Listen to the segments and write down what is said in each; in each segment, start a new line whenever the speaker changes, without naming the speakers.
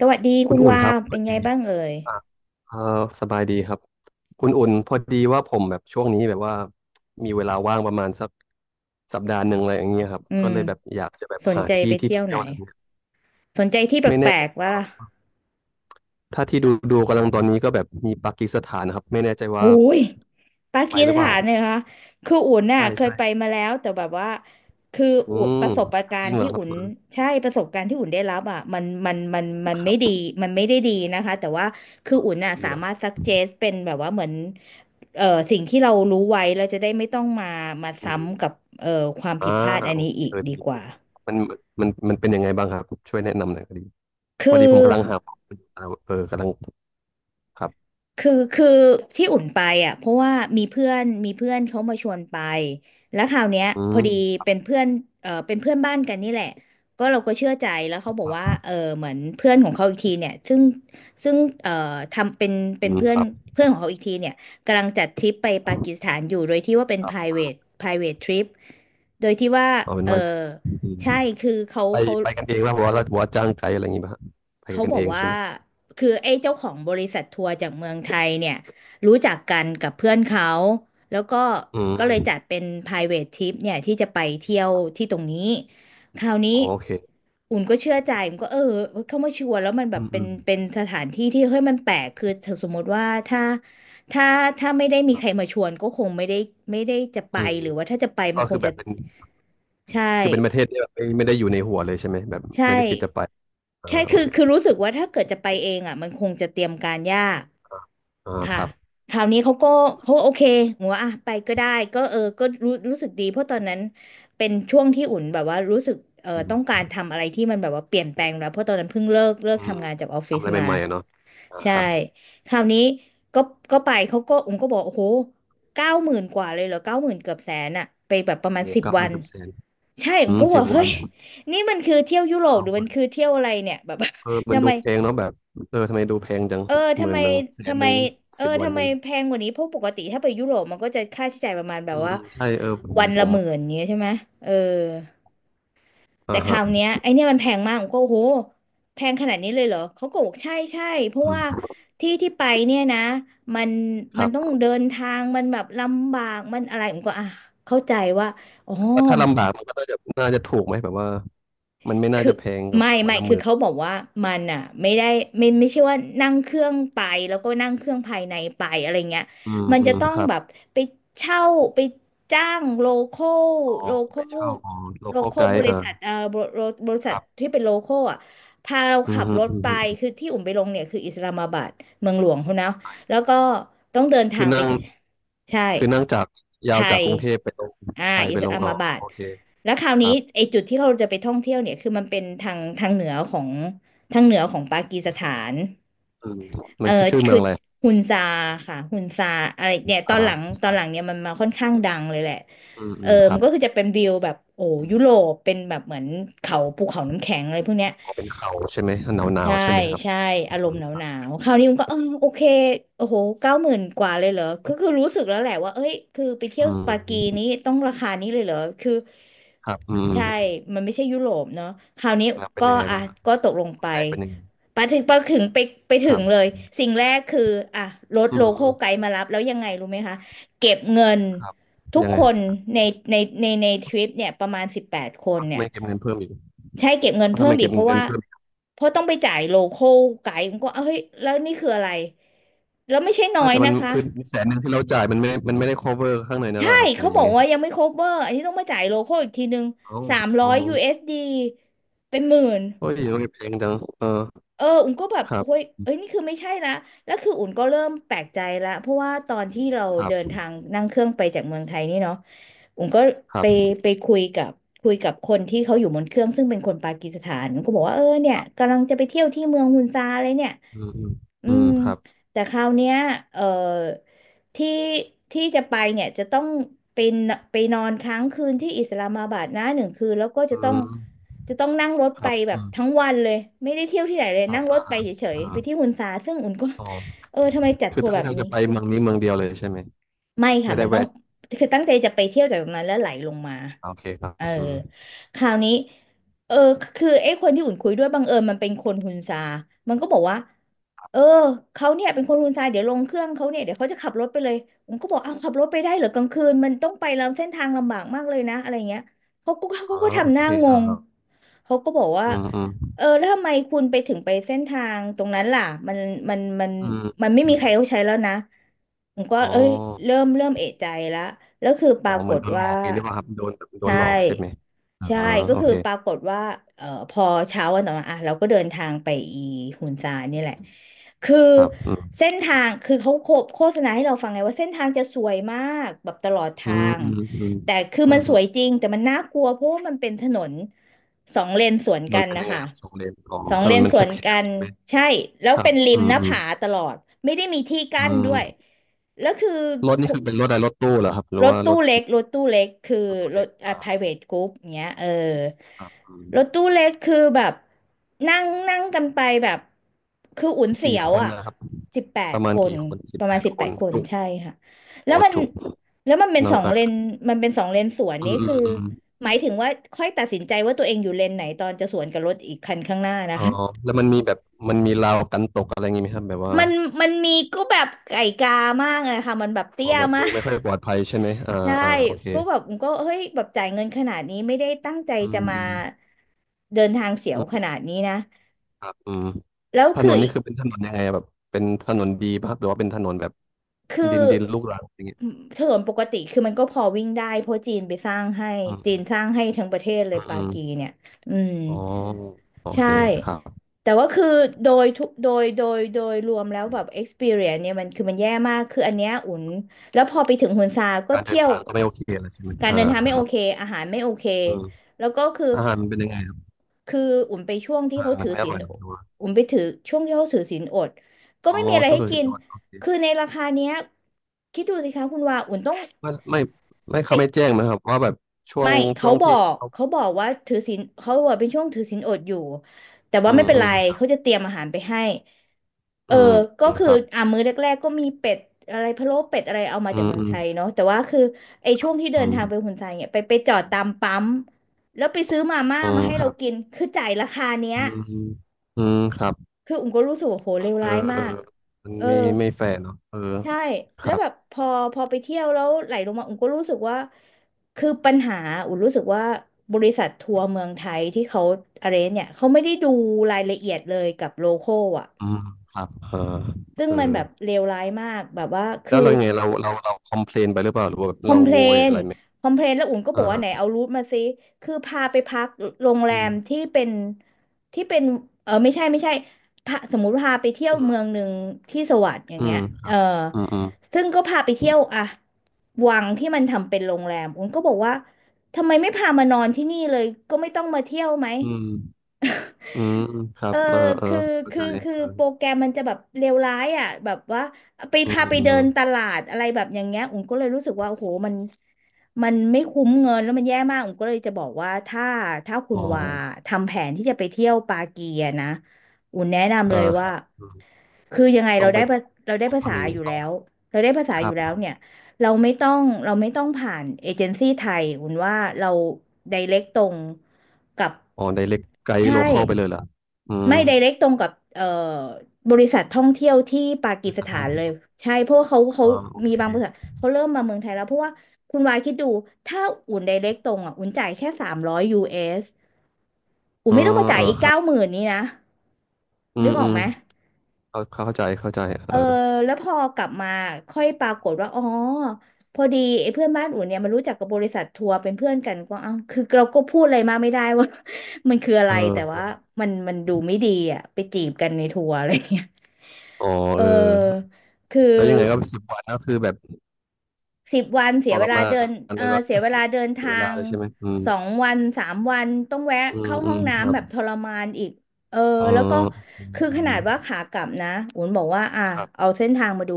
สวัสดี
คุ
คุ
ณ
ณ
อุ่น
วา
ครั
ว
บพ
เป็
อ
นไง
ดี
บ้างเอ่ย
อ่ะเออสบายดีครับคุณอุ่นพอดีว่าผมแบบช่วงนี้แบบว่ามีเวลาว่างประมาณสักสัปดาห์หนึ่งอะไรอย่างเงี้ยครับ
อื
ก็
ม
เลยแบบอยากจะแบบ
สน
หา
ใจ
ที่
ไป
ที่
เที่ยว
เที่
ไห
ย
น
วอะไรเงี้ย
สนใจที่แ
ไม่
ป
แน่
ล
ใจ
กๆวะล่ะ
ถ้าที่ดูดูกำลังตอนนี้ก็แบบมีปากีสถานนะครับไม่แน่ใจ
โอ้
ว่า
ยปา
ไป
กี
ห
ส
รือเปล่า
ถานเนี่ยคะคืออุ่นน่ะ
ใช่
เคย
ใช่
ไปมาแล้วแต่แบบว่าคือ
อื
อุ่น
ม
ประสบกา
จ
ร
ริง
ณ์
เหรอ
ที่
ครับ
อุ่น
อ่า
ใช่ประสบการณ์ที่อุ่นได้รับอ่ะมัน
ค
ไม่
รั
ดี
บ
มันไม่ได้ดีนะคะแต่ว่าคืออุ่นน่ะ
ดี
สา
แล้ว
มารถซักเจสเป็นแบบว่าเหมือนเอ่อสิ่งที่เรารู้ไว้แล้วจะได้ไม่ต้องมามา
อืม
ซ้ำกับเอ่อความ
อ่า
ผิดพลาดอัน
โอ
นี้
เค
อี
เอ
ก
อ
ดี
ดีดี
กว่า
มันมันเป็นยังไงบ้างครับช่วยแนะนำหน่อยก็ดี
คื
พอ
อ
ดีผมกำลังหาเออกำลังครับ
คือที่อุ่นไปอ่ะเพราะว่ามีเพื่อนมีเพื่อนเขามาชวนไปแล้วคราวเนี้ย
อื
พอดี
ม
เป็นเพื่อนเออเป็นเพื่อนบ้านกันนี่แหละก็เราก็เชื่อใจแล้วเขาบอกว่าเออเหมือนเพื่อนของเขาอีกทีเนี่ยซึ่งเออทำเป็นเป็
อื
น
ม
เพื่อ
ค
น
รับ
เพื่อนของเขาอีกทีเนี่ยกำลังจัดทริปไปปากีสถานอยู่โดยที่ว่าเป็น
ครับ
private trip โดยที่ว่า
เอาเป็น
เออ
ว่า
ใช่คือเขา
ไป
เขา
ไปกันเองแล้วหัวเราหัวจ้างไกด์อะไรอย่างงี้ป่ะฮะไป
เขา
กัน
บอ
เอ
ก
ง
ว่า
ใช่ไหม
คือไอ้เจ้าของบริษัททัวร์จากเมืองไทยเนี่ยรู้จักกันกับเพื่อนเขาแล้วก็
อื
ก็
ม
เลยจัดเป็น private trip เนี่ยที่จะไปเที่ยวที่ตรงนี้คราวนี้
โอเค
อุ่นก็เชื่อใจอุ่นก็เออเข้ามาชวนแล้วมันแบ
อื
บ
ม
เป็
อื
น
ม
เป็นสถานที่ที่เฮ้ยมันแปลกคือสมมติว่าถ้าถ้าไม่ได้มี
ครั
ใค
บ
รมาชวนก็คงไม่ได้ไม่ได้จะไป
อืม
หรือว่าถ้าจะไปมั
ก็
นค
คื
ง
อแบ
จะ
บเป็น
ใช่
คือเป็นประเทศที่แบบไม่ไม่ได้อยู่ในหัวเลยใช่ไหมแบบ
ใช่
ไม่ได้คิดจะไปอ่า
แค่
โอ
คือ
เค
คือรู้สึกว่าถ้าเกิดจะไปเองอ่ะมันคงจะเตรียมการยาก
อ่าอ่าค
ค่ะ
รับ
คราวนี้เขาก็เขาโอเคหัว่าอ่ะไปก็ได้ก็เออก็รู้รู้สึกดีเพราะตอนนั้นเป็นช่วงที่อุ่นแบบว่ารู้สึกเออ
อื
ต้องกา
ม
รทำอะไรที่มันแบบว่าเปลี่ยนแปลงแล้วเพราะตอนนั้นเพิ่งเลิก
อืม
ทำงานจากออฟฟิ
ทำ
ศ
อะไร
มา
ใหม่ๆอะเนาะอ่า
ใช่
ครับ
คราวนี้ก็ก็ไปเขาก็อุ่นก็บอกโอ้โหเก้าหมื่นกว่าเลยเหรอเก้าหมื่นเกือบแสนอะไปแบบประมาณ
โอ้
สิบ
เก้า
วั
วัน
น
กับแสน
ใช่อุ่
อื
น
ม
ก็บ
สิ
อ
บ
กเฮ้
วัน
ยนี่มันคือเที่ยวยุโรป
เก้า
หรือมั
วั
น
น
คือเที่ยวอะไรเนี่ยแบบ
เออ มัน
ทำ
ดู
ไม
แพงเนาะแบบเออทำไมดูแพงจัง
เออ
ห
ทำ
มื่
ไม
นหนึ่งแสน
ทำ
ห
ไม
นึ่ง
เออ
สิบวัน
ทำไม
เอง
แพงกว่านี้เพราะปกติถ้าไปยุโรปมันก็จะค่าใช้จ่ายประมาณแบ
อื
บ
ม
ว่า
อืมใช่เออผม
วัน
ผ
ละ
ม
หมื่นอย่างเงี้ยใช่ไหมเออ
อ่า
แต่ค
ฮะ
ราวเนี้ยไอเนี่ยมันแพงมากผมก็โอ้โหแพงขนาดนี้เลยเหรอเขาก็บอกใช่ใช่เพราะ
อื
ว่า
ม
ที่ที่ไปเนี่ยนะมัน
ค
มั
รั
นต้อง
บ
เดินทางมันแบบลำบากมันอะไรผมก็อ่ะเข้าใจว่าอ๋อ
แต่ถ้าลำบากมันก็น่าจะน่าจะถูกไหมแบบว่ามันไม่น่า
คือ
จะแพงกับ
ไม่
วัน
ไม่
ละห
คือ
มื่น
เขาบอกว่ามันอ่ะไม่ได้ไม่ใช่ว่านั่งเครื่องไปแล้วก็นั่งเครื่องภายในไปอะไรเงี้ย
อืม
มัน
อื
จะ
ม
ต้อง
ครับ
แบบไปเช่าไปจ้างคอล
อ๋อ
โลค
ไป
อล
เช่าอ๋อ
โล
local
คอลบ
guide
ริ
อ่า
ษัทบริบริ
ค
ษัท
รับ
ที่เป็นโลคอลอ่ะพาเรา
อื
ขั
ม
บ
ฮึ
รถ
อืม
ไป
ฮึ
คือที่อุ่มไปลงเนี่ยคืออิสลามาบัดเมืองหลวงเขานะแล้วก็ต้องเดินทา
คือ
งไป
นั่ง
ถึงใช่
คือนั่งจาก
ไท
ยาวจาก
ย
กรุงเทพไปลง
อ่า
ไทย
อิ
ไป
ส
ล
ลา
งอ๋อ
มาบัด
โอเค
แล้วคราว
ค
นี้
รับ
ไอ้จุดที่เราจะไปท่องเที่ยวเนี่ยคือมันเป็นทางเหนือของทางเหนือของปากีสถาน
อืม
เอ
มั
อ
นคือชื่อเมื
คื
อ
อ
งอะไร
ฮุนซาค่ะฮุนซาอะไรเนี่ยตอนหลัง
อ่า
ตอนหลังเนี่ยมันมาค่อนข้างดังเลยแหละ
อืม
เอ
อื
อ
มค
มั
รั
น
บ
ก็คือจะเป็นวิวแบบโอ้ยุโรปเป็นแบบเหมือนเขาภูเขาน้ำแข็งอะไรพวกเนี้ย
อ๋อเป็นเขาใช่ไหมหนาวหนาว
ใช่
ใช่ไหมครับ
ใช่
อื
อารมณ์
ม
หนาว
ค
ห
รับ
นาวคราวนี้มันก็เออโอเคโอ้โหเก้าหมื่นกว่าเลยเหรอคือคือรู้สึกแล้วแหละว่าเอ้ยคือไปเที่ย
อื
วปากี
ม
นี้ต้องราคานี้เลยเหรอคือ
ครับอืม
ใช่มันไม่ใช่ยุโรปเนาะคราวนี้
แล้วเป็น
ก็
ยังไง
อ่ะ
บ้างครับ
ก็ตกลงไป
แรกเป็นยังไง
ไปถึงไปถึงไปไป
ค
ถึ
รั
ง
บ
เลย
อืม
สิ่งแรกคืออ่ะรถ
อื
โลคอลไก
ม
ด์มารับแล้วยังไงรู้ไหมคะเก็บเงิน
ครับ
ทุก
ยังไง
คนในในในทริปเนี่ยประมาณสิบแปดค
ค
น
รับ
เนี่ย
ไม่เก็บเงินเพิ่มอีก
ใช่เก็บเงิน
เอาทำ
เพิ่
ไม
มอี
เก็
ก
บ
เพราะ
เงิน
ว่า
เพิ่ม
เพราะต้องไปจ่ายโลคอลไกด์ผมก็เอ้ยแล้วนี่คืออะไรแล้วไม่ใช่น้
ไม่
อย
แต่มัน
นะคะ
คือแสนหนึ่งที่เราจ่ายมันไม่มันไม่ได้ cover ข้างในนั่น
ใช่
หรอครับหรื
เขา
อ
บ
ยั
อ
ง
ก
ไง
ว่ายังไม่ cover อันนี้ต้องมาจ่ายโลคอลอีกทีนึง
อ๋อ
สามร้
อ๋
อ
อ
ย USD เอสดีเป็นหมื่น
โอ้ยโรงเรียนแพงจังเออ
เอออุ่นก็แบบ
ครั
เฮ้ย
บ
เอ้ยนี่คือไม่ใช่ละแล้วคืออุ่นก็เริ่มแปลกใจละเพราะว่าตอนที่เรา
ครั
เดิน
บ
ทางนั่งเครื่องไปจากเมืองไทยนี่เนาะอุ่นก็
ครั
ไป
บ
ไปคุยกับคนที่เขาอยู่บนเครื่องซึ่งเป็นคนปากีสถานก็บอกว่าเออเนี่ย
ครับ
กำลังจะไปเที่ยวที่เมืองฮุนซาอะไรเนี่ย
อืมอืม
อื
อืม
ม
ครับ
แต่คราวเนี้ยเออที่ที่จะไปเนี่ยจะต้องเป็นไปนอนค้างคืนที่อิสลามาบัดนะ1 คืนแล้วก็จะ
อื
ต้อง
ม
จะต้องนั่งรถ
ค
ไป
รับ
แบ
อื
บทั้
ม
งวันเลยไม่ได้เที่ยวที่ไหนเลย
ครั
นั่
บ
งร
อ่า
ถไป
อ่า
เฉย
อ่า
ๆไปที่ฮุนซาซึ่งอุ่นก็
อ๋อ
เออทำไมจัด
คือ
ทัวร์
ตั้
แบ
ง
บ
ใจ
นี้
จะไปเมืองนี้เมืองเดียวเลยใช่ไหม
ไม่
ไม่
ค่ะ
ได้
มันต้อง
แวะ
คือตั้งใจจะไปเที่ยวจากตรงนั้นแล้วไหลลงมา
อ่าโอเคครั
เออ
บอืม
คราวนี้เออคือไอ้คนที่อุ่นคุยด้วยบังเอิญมันเป็นคนฮุนซามันก็บอกว่าเออเขาเนี่ยเป็นคนฮุนซาเดี๋ยวลงเครื่องเขาเนี่ยเดี๋ยวเขาจะขับรถไปเลยผมก็บอกอ้าวขับรถไปได้เหรอกลางคืนมันต้องไปลำเส้นทางลำบากมากเลยนะอะไรเงี้ยเขาก็
อ๋
เขา
อ
ก็
โอ
ทำห
เค
น้าง
อ่า
ง
ฮะ
เขาก็บอกว่า
อืมอืม
เออแล้วทำไมคุณไปถึงไปเส้นทางตรงนั้นล่ะมันมันมัน
อืม
มันไม่
อื
มีใคร
ม
เขาใช้แล้วนะ ผมก็
อ๋อ
เอ้ยเริ่มเอะใจแล้วแล้วคือป
อ๋อ
ราก
เหมือน
ฏ
โดนหล
ว่า
อกนี่หรือเปล่าครับโดนโด
ใช่
นหลอกใช่ไหม
ใช่
อ่า๋อ
ก็
โอ
คือ
เค
ปรากฏว่าพอเช้าวันต่อมาอ่ะเราก็เดินทางไปอีฮุนซาเนี่ยแหละคือ
ครับอื
เส้นทางคือเขาโฆษณาให้เราฟังไงว่าเส้นทางจะสวยมากแบบตลอด
อื
ทา
ม
ง
อืมอืม
แต่คือ
อื
มั
ม
น
ค
ส
รั
วย
บ
จริงแต่มันน่ากลัวเพราะว่ามันเป็นถนนสองเลนสวน
ถน
กั
น
น
เป็น
นะ
ยังไง
คะ
ครับสองเลนอ๋อ
สอง
ถ
เล
นน
น
มัน
ส
แค
วนกั
บๆ
น
ใช่ไหม
ใช่แล้ว
ครั
เป็
บ
นริ
อื
มห
ม
น้า
อืม
ผาตลอดไม่ได้มีที่
อื
กั้นด้วย
ม
แล้วคือ
รถนี่คือเป็นรถอะไรรถตู้เหรอครับหรื
ร
อ
ถ
ว่าร
ตู้
ถ
เล็กรถตู้เล็กคือ
ตัว
ร
เล็ก
ถอ่ะ
อ่า
private group เงี้ยเออ
ครับอืม
รถตู้เล็กคือแบบนั่งนั่งกันไปแบบคืออุ่นเสี
กี่
ยว
คน
อ่ะ
นะครับ
สิบแป
ป
ด
ระมา
ค
ณ
น
กี่คนสิ
ป
บ
ระ
แป
มาณ
ด
สิบ
ค
แป
น
ดคน
จุ
ใช่ค่ะแล้
โอ
วมัน
จุ
แล้วมันเป็น
นั่
ส
ง
อง
อัด
เล
ค
น
รับ
มันเป็นสองเลนสวน
อื
นี่
มอื
คื
ม
อ
อืม
หมายถึงว่าค่อยตัดสินใจว่าตัวเองอยู่เลนไหนตอนจะสวนกับรถอีกคันข้างหน้านะ
อ๋อ
คะ
แล้วมันมีแบบมันมีราวกันตกอะไรอย่างงี้ไหมครับแบบว่า
มันมันมีก็แบบไก่กามากเลยค่ะมันแบบ
อ๋
เตี้
อ
ย
แบบ
มา
ดู
ก
ไม่ค่อยปลอดภัยใช่ไหมอ่า
ใช่
อ่าโอเค
ก็แบบก็เฮ้ยแบบจ่ายเงินขนาดนี้ไม่ได้ตั้งใจ
อื
จะ
ม
มา
อืม
เดินทางเสียว
อื
ข
ม
นาดนี้นะ
ครับอืม
แล้ว
ถน
คือ
นนี่
อีก
คือเป็นถนนยังไงอะแบบเป็นถนนดีป่ะครับหรือว่าเป็นถนนแบบ
คือ
ดินดินลูกรังอย่างเงี้ย
ถนนปกติคือมันก็พอวิ่งได้เพราะจีนไปสร้างให้
อื
จีน
ม
สร้างให้ทั้งประเทศเล
อื
ย
มอ
ปา
ม
กีเนี่ยอืม
อ๋อโอ
ใช่
เคครับ
แต่ว่าคือโดยทุกโดยโดยโดยรวมแล้วแบบ experience เนี่ยมันคือมันแย่มากคืออันเนี้ยอุ่นแล้วพอไปถึงฮุนซาก็
การเดิ
เที่
น
ยว
ทางก็ไม่โอเคอะไรใช่ไหม
การ
อ่า
เดินทางไม่
ค
โอ
รับ
เคอาหารไม่โอเค
อืม
แล้วก็คือ
อาหารมันเป็นยังไงครับ
คืออุ่นไปช่วงที่
อาหา
เขา
รมั
ถื
น
อ
ไม่อ
ศีล
ร่อยหรอหรือว่า
อุ่นไปถือช่วงที่เขาถือศีลอดก็
อ๋อ
ไม่มีอะไร
ช่วง
ให้
ถือ
กิ
ศีล
น
อดโอเค
คือในราคาเนี้ยคิดดูสิคะคุณว่าอุ่นต้อง
ไม่ไม่ไม่เขาไม่
ไป
แจ้งนะครับว่าแบบช่ว
ไม่
งช่
เขา
วง
บอ
ที่
ก
เขา
เขาบอกว่าถือศีลเขาบอกเป็นช่วงถือศีลอดอยู่แต่
อื
ว่าไม่
ม
เป็น
อื
ไร
ม
เขาจะเตรียมอาหารไปให้ เอ
อื
อ
ม
ก็
อืม
คื
ค
อ
รับ
อ่ามื้อแรกๆก็มีเป็ดอะไรพะโล้เป็ดอะไรเอามา
อื
จาก
ม
เมือง
อื
ไท
ม
ยเนาะแต่ว่าคือไอ้ช่วงที่เดิ
อื
นทางไป
ม
ฮุนไซเนี่ยไปจอดตามปั๊มแล้วไปซื้อมาม่า
อืม
มาให้
ค
เรา
รับ
กินคือจ่ายราคาเนี้ย
อืมอืมครับ
คืออุ๋มก็รู้สึกว่าโหเลว
เออ
ร้ายมา
เออ
ก
มัน
เออ
ไม่ไม่แฟร์เนาะเออ
ใช่
ค
แล้
รั
ว
บ
แบบพอไปเที่ยวแล้วไหลลงมาอุ๋มก็รู้สึกว่าคือปัญหาอุ๋มรู้สึกว่าบริษัททัวร์เมืองไทยที่เขาอะไรเนี่ยเขาไม่ได้ดูรายละเอียดเลยกับโลคอลอ่ะ
อืมครับอ่า
ซึ่ง
เออ
มันแบบเลวร้ายมากแบบว่าคื
แล้
อ
วเรายังไงเราคอมเพลนไปหรือเปล่าหรือว่าแบบ
คอ
เรา
มเพล
โวย
น
อะไรไหม
คอมเพลนแล้วอุ่นก็บ
อ่า
อกว่า
ฮะ
ไหนเอารูทมาซิคือพาไปพักโรงแร
อื
ม
ม
ที่เป็นเออไม่ใช่ไม่ใช่พาสมมุติว่าพาไปเที่ยว
อื
เมื
ม
องหนึ่งที่สวัสดอย่าง
อื
เงี้
ม
ย
ค
เอ
รั
อ
บอืมอืม
ซึ่งก็พาไปเที่ยวอะวังที่มันทำเป็นโรงแรมอุ่นก็บอกว่าทำไมไม่พามานอนที่นี่เลย ก็ไม่ต้องมาเที่ยวไหม
อืม อืมครั
เอ
บเออเออ
คือ
เข้า
คื
ใจ
อคือโปร
เ
แกรมมันจะแบบเลวร้ายอ่ะแบบว่าไป
ออ
พา
อืม
ไป
อื
เดิ
ม
นตลาดอะไรแบบอย่างเงี้ยอุ๋มก็เลยรู้สึกว่าโอ้โหมันมันไม่คุ้มเงินแล้วมันแย่มากอุ๋มก็เลยจะบอกว่าถ้าคุ
อ๋
ณ
อ
วาทำแผนที่จะไปเที่ยวปากีอะนะอุ๋มแนะนำ
อ่า
เลย
ค
ว่า
รับอืม
คือยังไง
ต้องไป
เราได้
ต้อง
ภา
ทำ
ษา
อย่าง
อ
นี้
ยู่
ต้อง
แล้วเราได้ภาษา
ค
อ
รับ
ยู่แล้วเนี่ยเราไม่ต้องผ่านเอเจนซี่ไทยอุ๋มว่าเราไดเรกตรงกับ
อ๋อไดเรกไกด์
ใช่
โลคอลไปเลยเหรออืม
ไม่ d r เ c กตรงกับบริษัทท่องเที่ยวที่ปา
บ
กี
ปิ
ส
ษั
ถา
ท่อง
นเล
เที่ย
ย
ว
ใช่เพราะว่าเขาเขา
อ่าโอ
มี
เค
บางบริษัทเขาเริ่มมาเมืองไทยแล้วเพราะว่าคุณวายคิดดูถ้าอุ่น d r เ c กตรงอ่ะอุ่นจ่ายแค่300 USอุ่
เอ
น
อ
ไม่ต้องมาจ่า
เอ
ย
อ
อีก
ครั
เก้า
บ
หมื่นนี้นะ
อื
นึ
ม
กอ
อื
อก
ม
ไหม
เข้าเข้าใจเข้าใจเอ
เออ
อ
แล้วพอกลับมาค่อยปรากฏว่าอ๋อพอดีไอ้เพื่อนบ้านอุ่นเนี่ยมันรู้จักกับบริษัททัวร์เป็นเพื่อนกันก็เอ้าคือเราก็พูดอะไรมากไม่ได้ว่า มันคืออะไร
เอ
แต่ว่า
อ
มันดูไม่ดีอ่ะไปจีบกันในทัวร์อะไรอย่างเงี้ย
อ๋อ
เอ
เออ
อคือ
แล้วยังไงก็สิบวันก็คือแบบ
10 วันเสี
ท
ยเว
ร
ลา
มา
เดิน
นเลยแบบ
เสียเวลาเดิน
เสีย
ทา
เวลา
ง
เลยใช่ไหมอืม
2-3 วันต้องแวะ
อืม
เข้า
อื
ห้อ
ม
ง
ครั
น้ำแบ
บ
บทรมานอีกเออ
เออ
แล้วก็
โอเค
คือ
อื
ขนา
ม
ดว่าขากลับนะอุ๋นบอกว่าอ่ะ
ครั
เอา
บ
เส้นทางมาดู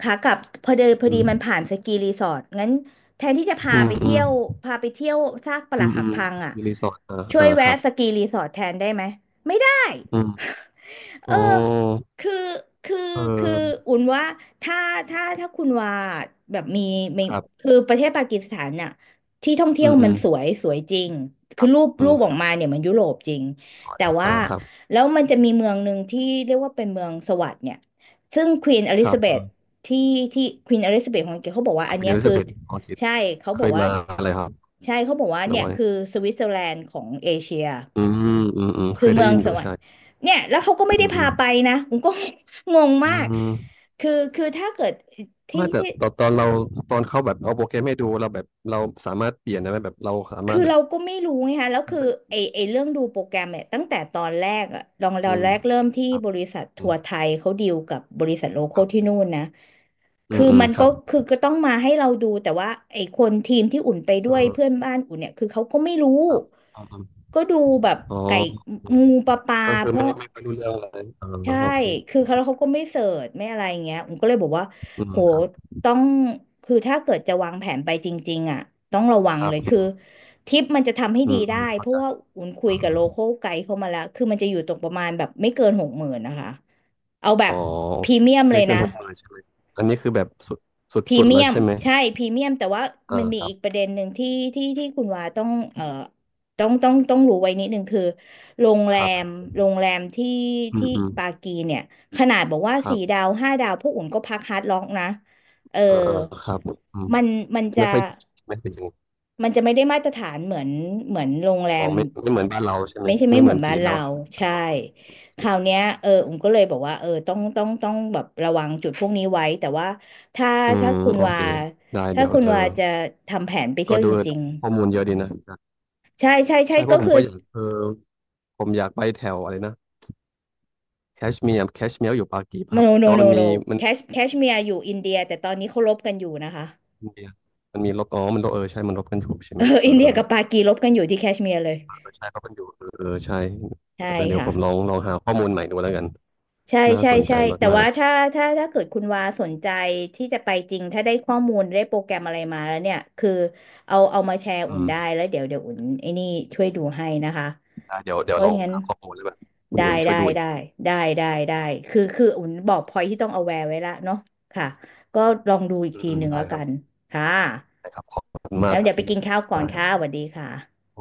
ขากลับพอเดินพอ
อื
ดีมัน
ม
ผ่านสกีรีสอร์ทงั้นแทนที่จะพา
อืม
ไป
อื
เที่
ม
ยวพาไปเที่ยวซากป
อื
รัก
ม
หั
อื
ก
ม
พังอ่ะ
มีรีสอร์ทอ่า
ช่ว
อ่า
ย
ค
แวะ
รับ
สกีรีสอร์ทแทนได้ไหมไม่ได้
อืม
เอ
โอ้
อคือคือ
เอ
คือ
อ
อุ่นว่าถ้าถ้าถ้าคุณว่าแบบมี
ครับ
คือประเทศปากีสถานน่ะที่ท่องเที่
อื
ยว
มอื
มัน
ม
สวยสวยจริง
ค
คือ
รับอื
รู
ม
ปอ
ค
อก
รั
มา
บ
เนี่ยมันยุโรปจริง
สวย
แต่ว่า
อ่าครับ
แล้วมันจะมีเมืองหนึ่งที่เรียกว่าเป็นเมืองสวัสด์เนี่ย ซึ่งควีนอ
ค
ลิ
รั
ซา
บ
เบ
เอ
ธ
อ
ที่ที่ควีนอลิซาเบธของอังกฤษเขาบอกว่า
อ่า
อัน
คุณ
เนี้
เอ
ย
ลิ
คือ
ซาเบธออรคิด
ใช่เขา
เค
บอก
ย
ว่า
มาอะไรครับ
ใช่เขาบอกว่า
หรือ
เนี่ย
ว่า
คือสวิตเซอร์แลนด์ของเอเชีย
อืมอืมอืมเค
คือ
ยได้
เมือง
ยินอ
ส
ยู่
วรร
ใช่
ค์เนี่ยแล้วเขาก็ไม่
อื
ได้
มอื
พา
ม
ไปนะผมก็ งง
อื
มาก
ม
คือถ้าเกิดที่
ไม่แต่
ที่
ตอนตอนเราตอนเขาแบบเอาโปรแกรมให้ดูเราแบบเราสามารถเปลี่ยนได้ไหมแบบเราสามาร
คือ
ถแบบ
เราก็ไม่รู้ไงคะแล้วคือไอไอเรื่องดูโปรแกรมเนี่ยตั้งแต่ตอนแรกอะต
อื
อน
ม
แรกเริ่มที่
ครับ
บริษัท
อื
ทัว
ม
ร์ไทยเขาดีลกับบริษัทโลค
ค
อล
รั
ที่
บ
นู่นนะ
อื
คื
ม
อ
อืม
มัน
ค
ก็
รับ
คือก็ต้องมาให้เราดูแต่ว่าไอ้คนทีมที่อุ่นไปด้
เอ
วย
อ
เพื่อนบ้านอุ่นเนี่ยคือเขาก็ไม่รู้
ครับอืมอืม
ก็ดูแบบ
อ๋อ
ไก่
อืม
งูปลา
ก็คือ
เพราะ
ไม่ไม่ค่อยรู้เรื่องเลยเออ
ใช่
โอเค
คือเขาแล้วเขาก็ไม่เสิร์ชไม่อะไรอย่างเงี้ยผมก็เลยบอกว่า
อืม
โห
ครับ
ต้องคือถ้าเกิดจะวางแผนไปจริงๆอ่ะต้องระวัง
ครั
เล
บ
ย
อื
คือ
ม
ทริปมันจะทำให้
อื
ดี
มอื
ได้
ม
เพ
เข้าใจ
ราะว่าอุ่นคุ
อื
ยกับ
ม
โลคอลไกด์เข้ามาแล้ว คือมันจะอยู่ตรงประมาณแบบไม่เกิน60,000นะคะ เอาแบ
อ๋
บ
อ
พรีเมียมเล
ไม่
ย
เกิน
นะ
หกหมื่นใช่ไหมอันนี้คือแบบสุดสุด
พรี
สุด
เมี
แล้ว
ยม
ใช่ไหม
ใช่พรีเมียมแต่ว่า
เอ
มัน
อ
มี
ครั
อี
บ
กประเด็นหนึ่งที่ที่คุณวาต้องต้องรู้ไว้นิดหนึ่งคือโรงแร
ครั
ม
บ
โรงแรมที่
อืม
ที่
อืม
ปากีเนี่ยขนาดบอกว่า
ครั
สี่
บ
ดาวห้าดาวพวกอุ่นก็พักฮาร์ดล็อกนะเออ
เออเออครับอืม
มันมันจะ
ไม่ค่อยไม่เป็นอย่าง
มันจะไม่ได้มาตรฐานเหมือนเหมือนโรงแร
อ๋อ
ม
ไม่ไม่เหมือนบ้านเราใช่ไหม
ไม่ใช่ไม่
ไม่
เห
เห
มื
มื
อ
อ
น
น
บ้า
สี
น
ดา
เรา
วบ้าน
ใช่
เราโอ
ค
เค
ราวเนี้ยเออผมก็เลยบอกว่าเออต้องแบบระวังจุดพวกนี้ไว้แต่ว่าถ้า
อืม
ถ้าคุณ
โอ
วา
เคได้
ถ้า
เดี๋ยว
คุณ
เออ
วาจะทำแผนไปเที่
ก็
ยว
ดู
จริง
ข้อมูล
ๆอื
เยอะ
ม
ดีนะ
ใช่ใช่ใช่
ใช่เพ
ก็
ราะผม
คือ
ก็อยากเออผมอยากไปแถวอะไรนะแคชเมียร์แคชเมียร์อยู่ปากีป่ะค
no
รับแต่
no
ว่า
no
มัน
no
มีมัน
แคชเมียร์อยู่อินเดียแต่ตอนนี้เขารบกันอยู่นะคะ
มันมีมันมีลบอ๋อมันลบเออใช่มันลบกันอยู่ใช่
เอ
ไหม
อ
เออ
อินเดี
เอ
ย
อ
กับปากีรบกันอยู่ที่แคชเมียร์เลย
เออใช่ลบกันอยู่เออเออใช่เอ
ใช่
อเดี๋ยว
ค่ะ
ผมลองลองหาข้อมูลใหม่ดูแล้วกัน
ใช่
น่า
ใช่
สนใจ
ใช่แต่
มา
ว่า
ก
ถ้าถ้าเกิดคุณวาสนใจที่จะไปจริงถ้าได้ข้อมูลได้โปรแกรมอะไรมาแล้วเนี่ยคือเอามาแชร์
ๆ
อุ่
อื
น
ม
ได้แล้วเดี๋ยวอุ่นไอ้นี่ช่วยดูให้นะคะ
ได้เดี๋ยวเดี๋
เพ
ยวล
ราะ
อ
ฉะ
ง
นั้น
หาข้อมูลแล้วแบบคุณ
ได้
อุ่นช่ว
ได้
ยดูอีก
ได้ได้ได้คืออุ่นบอกพอยที่ต้อง aware ไว้ละเนาะค่ะก็ลองดูอีก
อืม
ที
อื
ห
ม
นึ่ง
ได้
แล้ว
ค
กั
รับ
นค่ะ
ได้ครับขอบคุณมา
แล้
ก
ว
ครั
เดี๋ย
บ
วไปกินข้าวก่อ
ได้
น
ค
ค่ะ
รั
สวัสดีค่ะ
บ